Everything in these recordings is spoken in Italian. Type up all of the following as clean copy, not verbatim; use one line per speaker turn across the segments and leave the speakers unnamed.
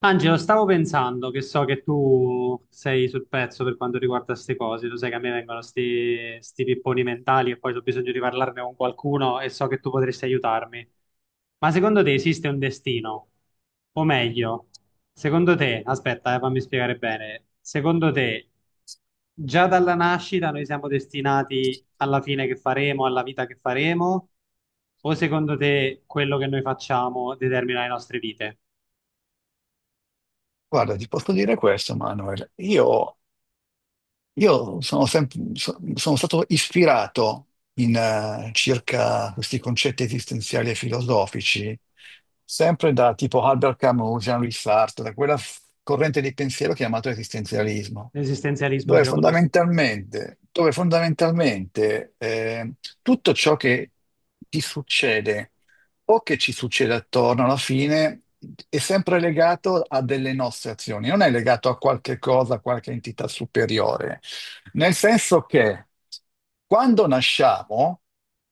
Angelo, stavo pensando che so che tu sei sul pezzo per quanto riguarda queste cose, tu sai che a me vengono sti pipponi mentali e poi ho bisogno di parlarne con qualcuno e so che tu potresti aiutarmi. Ma secondo te esiste un destino? O meglio, secondo te, aspetta, fammi spiegare bene, secondo te già dalla nascita noi siamo destinati alla fine che faremo, alla vita che faremo? O secondo te quello che noi facciamo determina le nostre vite?
Guarda, ti posso dire questo, Manuel. Io sono, sempre- so- Sono stato ispirato circa questi concetti esistenziali e filosofici, sempre da tipo Albert Camus, Jean-Louis Sartre, da quella corrente di pensiero chiamato esistenzialismo
L'esistenzialismo
dove
si lo conosco.
fondamentalmente, tutto ciò che ti succede o che ci succede attorno alla fine è sempre legato a delle nostre azioni, non è legato a qualche cosa, a qualche entità superiore. Nel senso che quando nasciamo,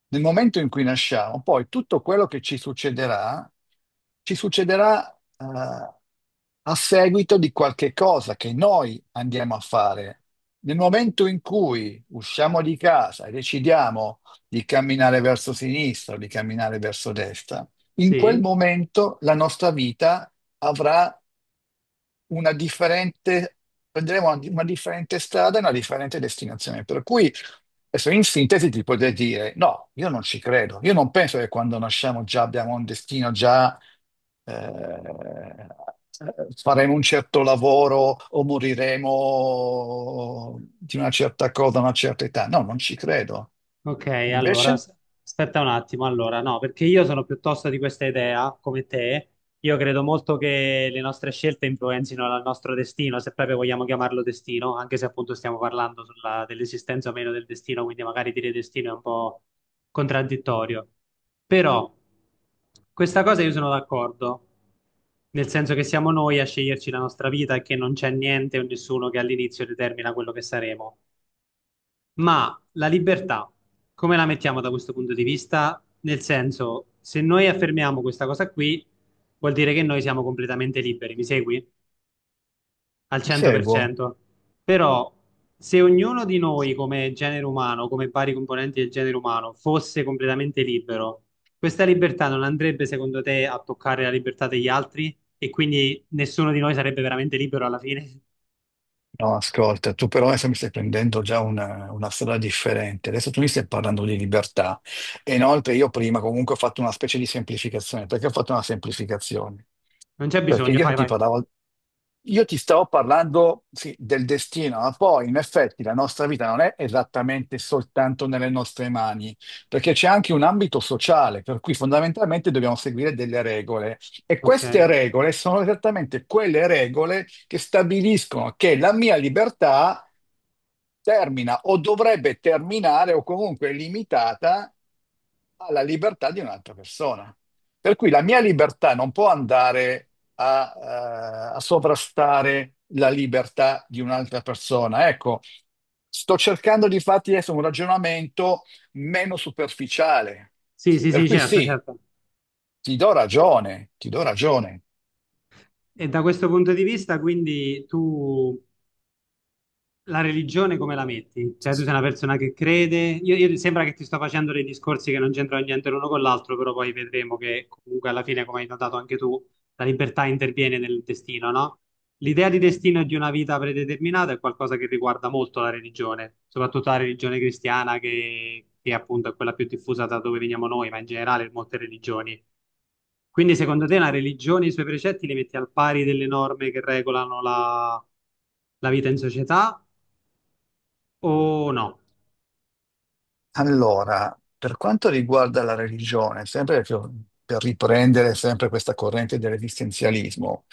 nel momento in cui nasciamo, poi tutto quello che ci succederà, eh, a seguito di qualche cosa che noi andiamo a fare. Nel momento in cui usciamo di casa e decidiamo di camminare verso sinistra o di camminare verso destra, in quel
Sì,
momento la nostra vita avrà una differente, prenderemo una differente strada e una differente destinazione. Per cui, adesso in sintesi ti potrei dire, no, io non ci credo, io non penso che quando nasciamo già abbiamo un destino, già eh, faremo un certo lavoro o moriremo di una certa cosa a una certa età. No, non ci credo.
ok, allora
Invece,
aspetta un attimo, allora no, perché io sono piuttosto di questa idea, come te, io credo molto che le nostre scelte influenzino il nostro destino, se proprio vogliamo chiamarlo destino, anche se appunto stiamo parlando dell'esistenza o meno del destino, quindi magari dire destino è un po' contraddittorio. Però questa cosa io sono d'accordo, nel senso che siamo noi a sceglierci la nostra vita e che non c'è niente o nessuno che all'inizio determina quello che saremo. Ma la libertà, come la mettiamo da questo punto di vista? Nel senso, se noi affermiamo questa cosa qui, vuol dire che noi siamo completamente liberi, mi segui? Al
ti seguo.
100%. Però, se ognuno di noi come genere umano, come vari componenti del genere umano, fosse completamente libero, questa libertà non andrebbe, secondo te, a toccare la libertà degli altri? E quindi nessuno di noi sarebbe veramente libero alla fine?
No, ascolta, tu però adesso mi stai prendendo già una strada differente. Adesso tu mi stai parlando di libertà. E inoltre io prima comunque ho fatto una specie di semplificazione. Perché ho fatto una semplificazione?
Non c'è
Perché
bisogno,
io
fai,
ti
vai.
parlavo io ti stavo parlando, sì, del destino, ma poi in effetti la nostra vita non è esattamente soltanto nelle nostre mani, perché c'è anche un ambito sociale, per cui fondamentalmente dobbiamo seguire delle regole. E
Ok.
queste regole sono esattamente quelle regole che stabiliscono che la mia libertà termina o dovrebbe terminare o comunque è limitata alla libertà di un'altra persona. Per cui la mia libertà non può andare a, a sovrastare la libertà di un'altra persona. Ecco, sto cercando di farti adesso un ragionamento meno superficiale.
Sì, sì,
Per
sì,
cui
certo,
sì,
certo.
ti do ragione, ti do ragione.
E da questo punto di vista, quindi tu la religione come la metti? Cioè, tu sei una persona che crede. Io, sembra che ti sto facendo dei discorsi che non c'entrano niente l'uno con l'altro, però poi vedremo che comunque alla fine, come hai notato anche tu, la libertà interviene nel destino, no? L'idea di destino e di una vita predeterminata è qualcosa che riguarda molto la religione, soprattutto la religione cristiana, che appunto è quella più diffusa da dove veniamo noi, ma in generale molte religioni. Quindi, secondo te, la religione e i suoi precetti li metti al pari delle norme che regolano la vita in società? Oh no,
Allora, per quanto riguarda la religione, sempre per riprendere sempre questa corrente dell'esistenzialismo,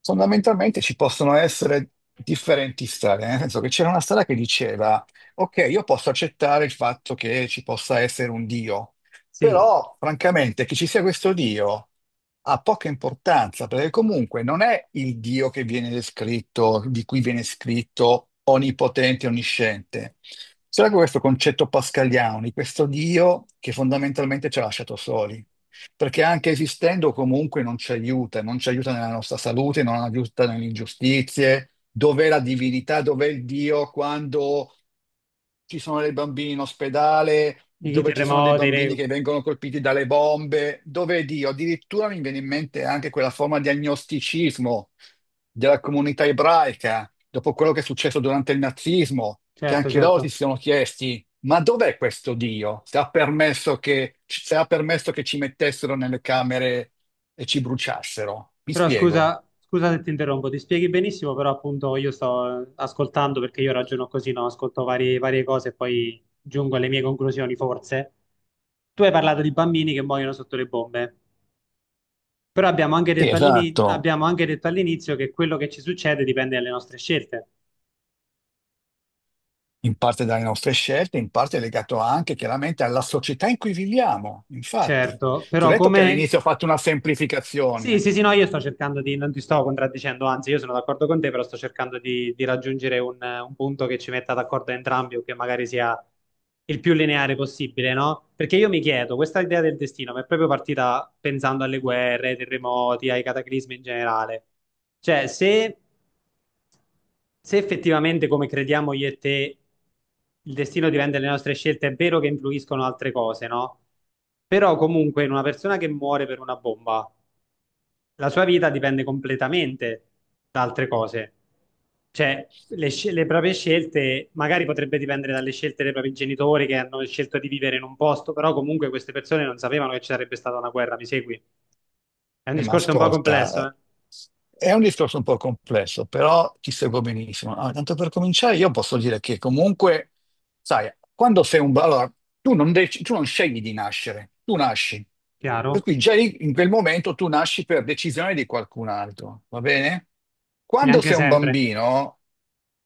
fondamentalmente ci possono essere differenti strade, nel senso che c'era una strada che diceva, ok, io posso accettare il fatto che ci possa essere un Dio,
sì,
però, francamente, che ci sia questo Dio ha poca importanza, perché comunque non è il Dio che viene descritto, di cui viene scritto onnipotente, onnisciente. C'era questo concetto pascaliano di questo Dio che fondamentalmente ci ha lasciato soli, perché anche esistendo comunque non ci aiuta, non ci aiuta nella nostra salute, non aiuta nelle ingiustizie. Dov'è la divinità? Dov'è il Dio quando ci sono dei bambini in ospedale,
i
dove ci sono dei
terremoti,
bambini
le-
che vengono colpiti dalle bombe, dove Dio, addirittura mi viene in mente anche quella forma di agnosticismo della comunità ebraica, dopo quello che è successo durante il nazismo, che
certo,
anche loro si
certo.
sono chiesti, ma dov'è questo Dio? Se ha permesso che, se ha permesso che ci mettessero nelle camere e ci bruciassero? Mi
Però
spiego.
scusa, scusa se ti interrompo, ti spieghi benissimo, però appunto io sto ascoltando perché io ragiono così, no? Ascolto varie cose e poi giungo alle mie conclusioni, forse. Tu hai parlato di bambini che muoiono sotto le bombe, però
Sì, esatto.
abbiamo anche detto all'inizio che quello che ci succede dipende dalle nostre scelte.
In parte dalle nostre scelte, in parte è legato anche chiaramente alla società in cui viviamo. Infatti,
Certo,
ti ho
però
detto che
come
all'inizio ho fatto una
sì,
semplificazione.
sì, sì, no, io sto cercando di, non ti sto contraddicendo, anzi, io sono d'accordo con te, però sto cercando di raggiungere un punto che ci metta d'accordo entrambi o che magari sia il più lineare possibile, no? Perché io mi chiedo, questa idea del destino mi è proprio partita pensando alle guerre, ai terremoti, ai cataclismi in generale. Cioè, se effettivamente, come crediamo io e te, il destino dipende dalle nostre scelte, è vero che influiscono altre cose, no? Però comunque in una persona che muore per una bomba la sua vita dipende completamente da altre cose. Cioè, le proprie scelte magari potrebbe dipendere dalle scelte dei propri genitori che hanno scelto di vivere in un posto, però comunque queste persone non sapevano che ci sarebbe stata una guerra, mi segui? È un
Ma
discorso un po' complesso,
ascolta,
eh?
è un discorso un po' complesso, però ti seguo benissimo. Ah, tanto per cominciare, io posso dire che comunque, sai, quando sei allora, tu non scegli di nascere, tu nasci. Per
Chiaro?
cui già lì, in quel momento tu nasci per decisione di qualcun altro, va bene? Quando
Neanche
sei un
sempre.
bambino,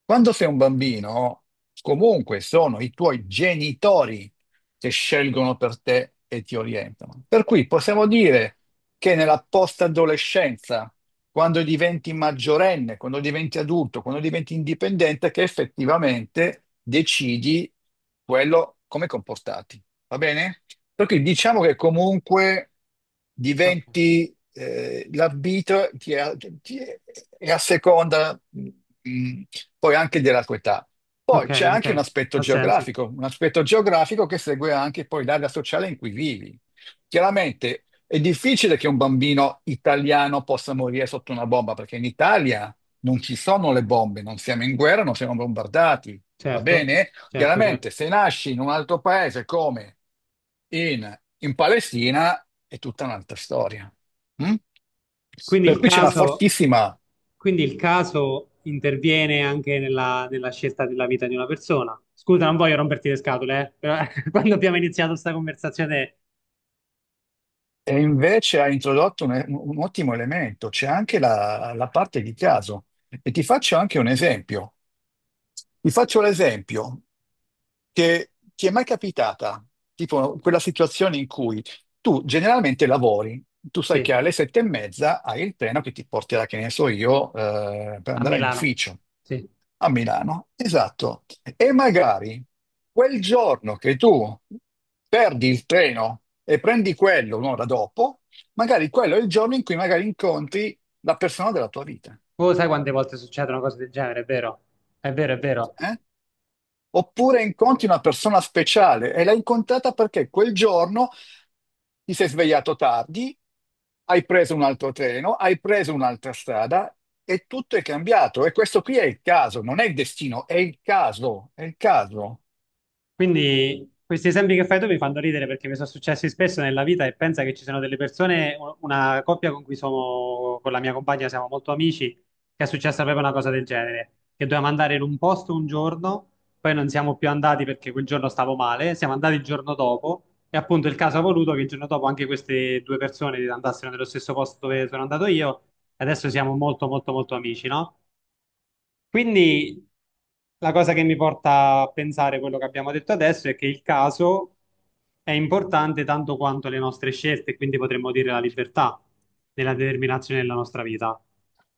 quando sei un bambino, comunque sono i tuoi genitori che scelgono per te e ti orientano. Per cui possiamo dire che nella post-adolescenza, quando diventi maggiorenne, quando diventi adulto, quando diventi indipendente, che effettivamente decidi quello come comportarti. Va bene? Perché diciamo che comunque
Ok,
diventi l'arbitro e a seconda poi anche della tua età. Poi c'è anche
ok. Ha senso.
un aspetto geografico che segue anche poi l'area sociale in cui vivi. Chiaramente è difficile che un bambino italiano possa morire sotto una bomba, perché in Italia non ci sono le bombe, non siamo in guerra, non siamo bombardati, va
Certo,
bene? Chiaramente
certo.
se nasci in un altro paese come in Palestina è tutta un'altra storia. Mm?
Quindi
Per
il
cui c'è una
caso,
fortissima,
quindi il caso interviene anche nella, nella scelta della vita di una persona. Scusa, non voglio romperti le scatole, però quando abbiamo iniziato questa conversazione,
e invece ha introdotto un ottimo elemento, c'è anche la parte di caso. E ti faccio anche un esempio. Ti faccio l'esempio. Che ti è mai capitata, tipo, quella situazione in cui tu generalmente lavori, tu sai che
sì,
alle sette e mezza hai il treno che ti porterà, che ne so io, per
a
andare in
Milano,
ufficio
sì.
a Milano. Esatto. E magari quel giorno che tu perdi il treno e prendi quello un'ora dopo, magari quello è il giorno in cui magari incontri la persona della tua vita.
Oh, sai quante volte succede una cosa del genere, è vero? È vero, è vero.
Eh? Oppure incontri una persona speciale e l'hai incontrata perché quel giorno ti sei svegliato tardi, hai preso un altro treno, hai preso un'altra strada e tutto è cambiato. E questo qui è il caso, non è il destino, è il caso, è il caso.
Quindi questi esempi che fai tu mi fanno ridere perché mi sono successi spesso nella vita e pensa che ci sono delle persone, una coppia con cui sono, con la mia compagna siamo molto amici, che è successa proprio una cosa del genere, che dovevamo andare in un posto un giorno, poi non siamo più andati perché quel giorno stavo male, siamo andati il giorno dopo e appunto il caso ha voluto che il giorno dopo anche queste due persone andassero nello stesso posto dove sono andato io e adesso siamo molto molto molto amici, no? Quindi la cosa che mi porta a pensare quello che abbiamo detto adesso è che il caso è importante tanto quanto le nostre scelte, quindi potremmo dire la libertà nella determinazione della nostra vita.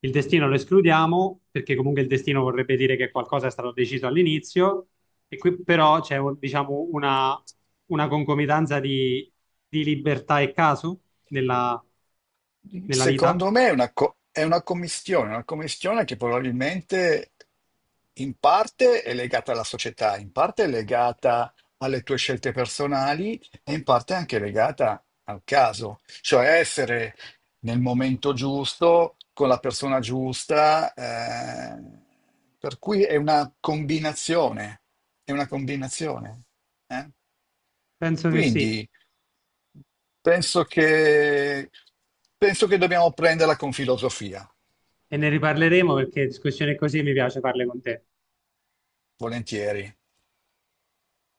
Il destino lo escludiamo perché comunque il destino vorrebbe dire che qualcosa è stato deciso all'inizio e qui però c'è diciamo una concomitanza di libertà e caso nella, nella vita?
Secondo me è è una commistione che probabilmente in parte è legata alla società, in parte è legata alle tue scelte personali e in parte è anche legata al caso, cioè essere nel momento giusto, con la persona giusta, per cui è una combinazione, è una combinazione. Eh.
Penso che sì.
Quindi penso che, penso che dobbiamo prenderla con filosofia,
E ne riparleremo perché discussioni così mi piace farle con te.
volentieri.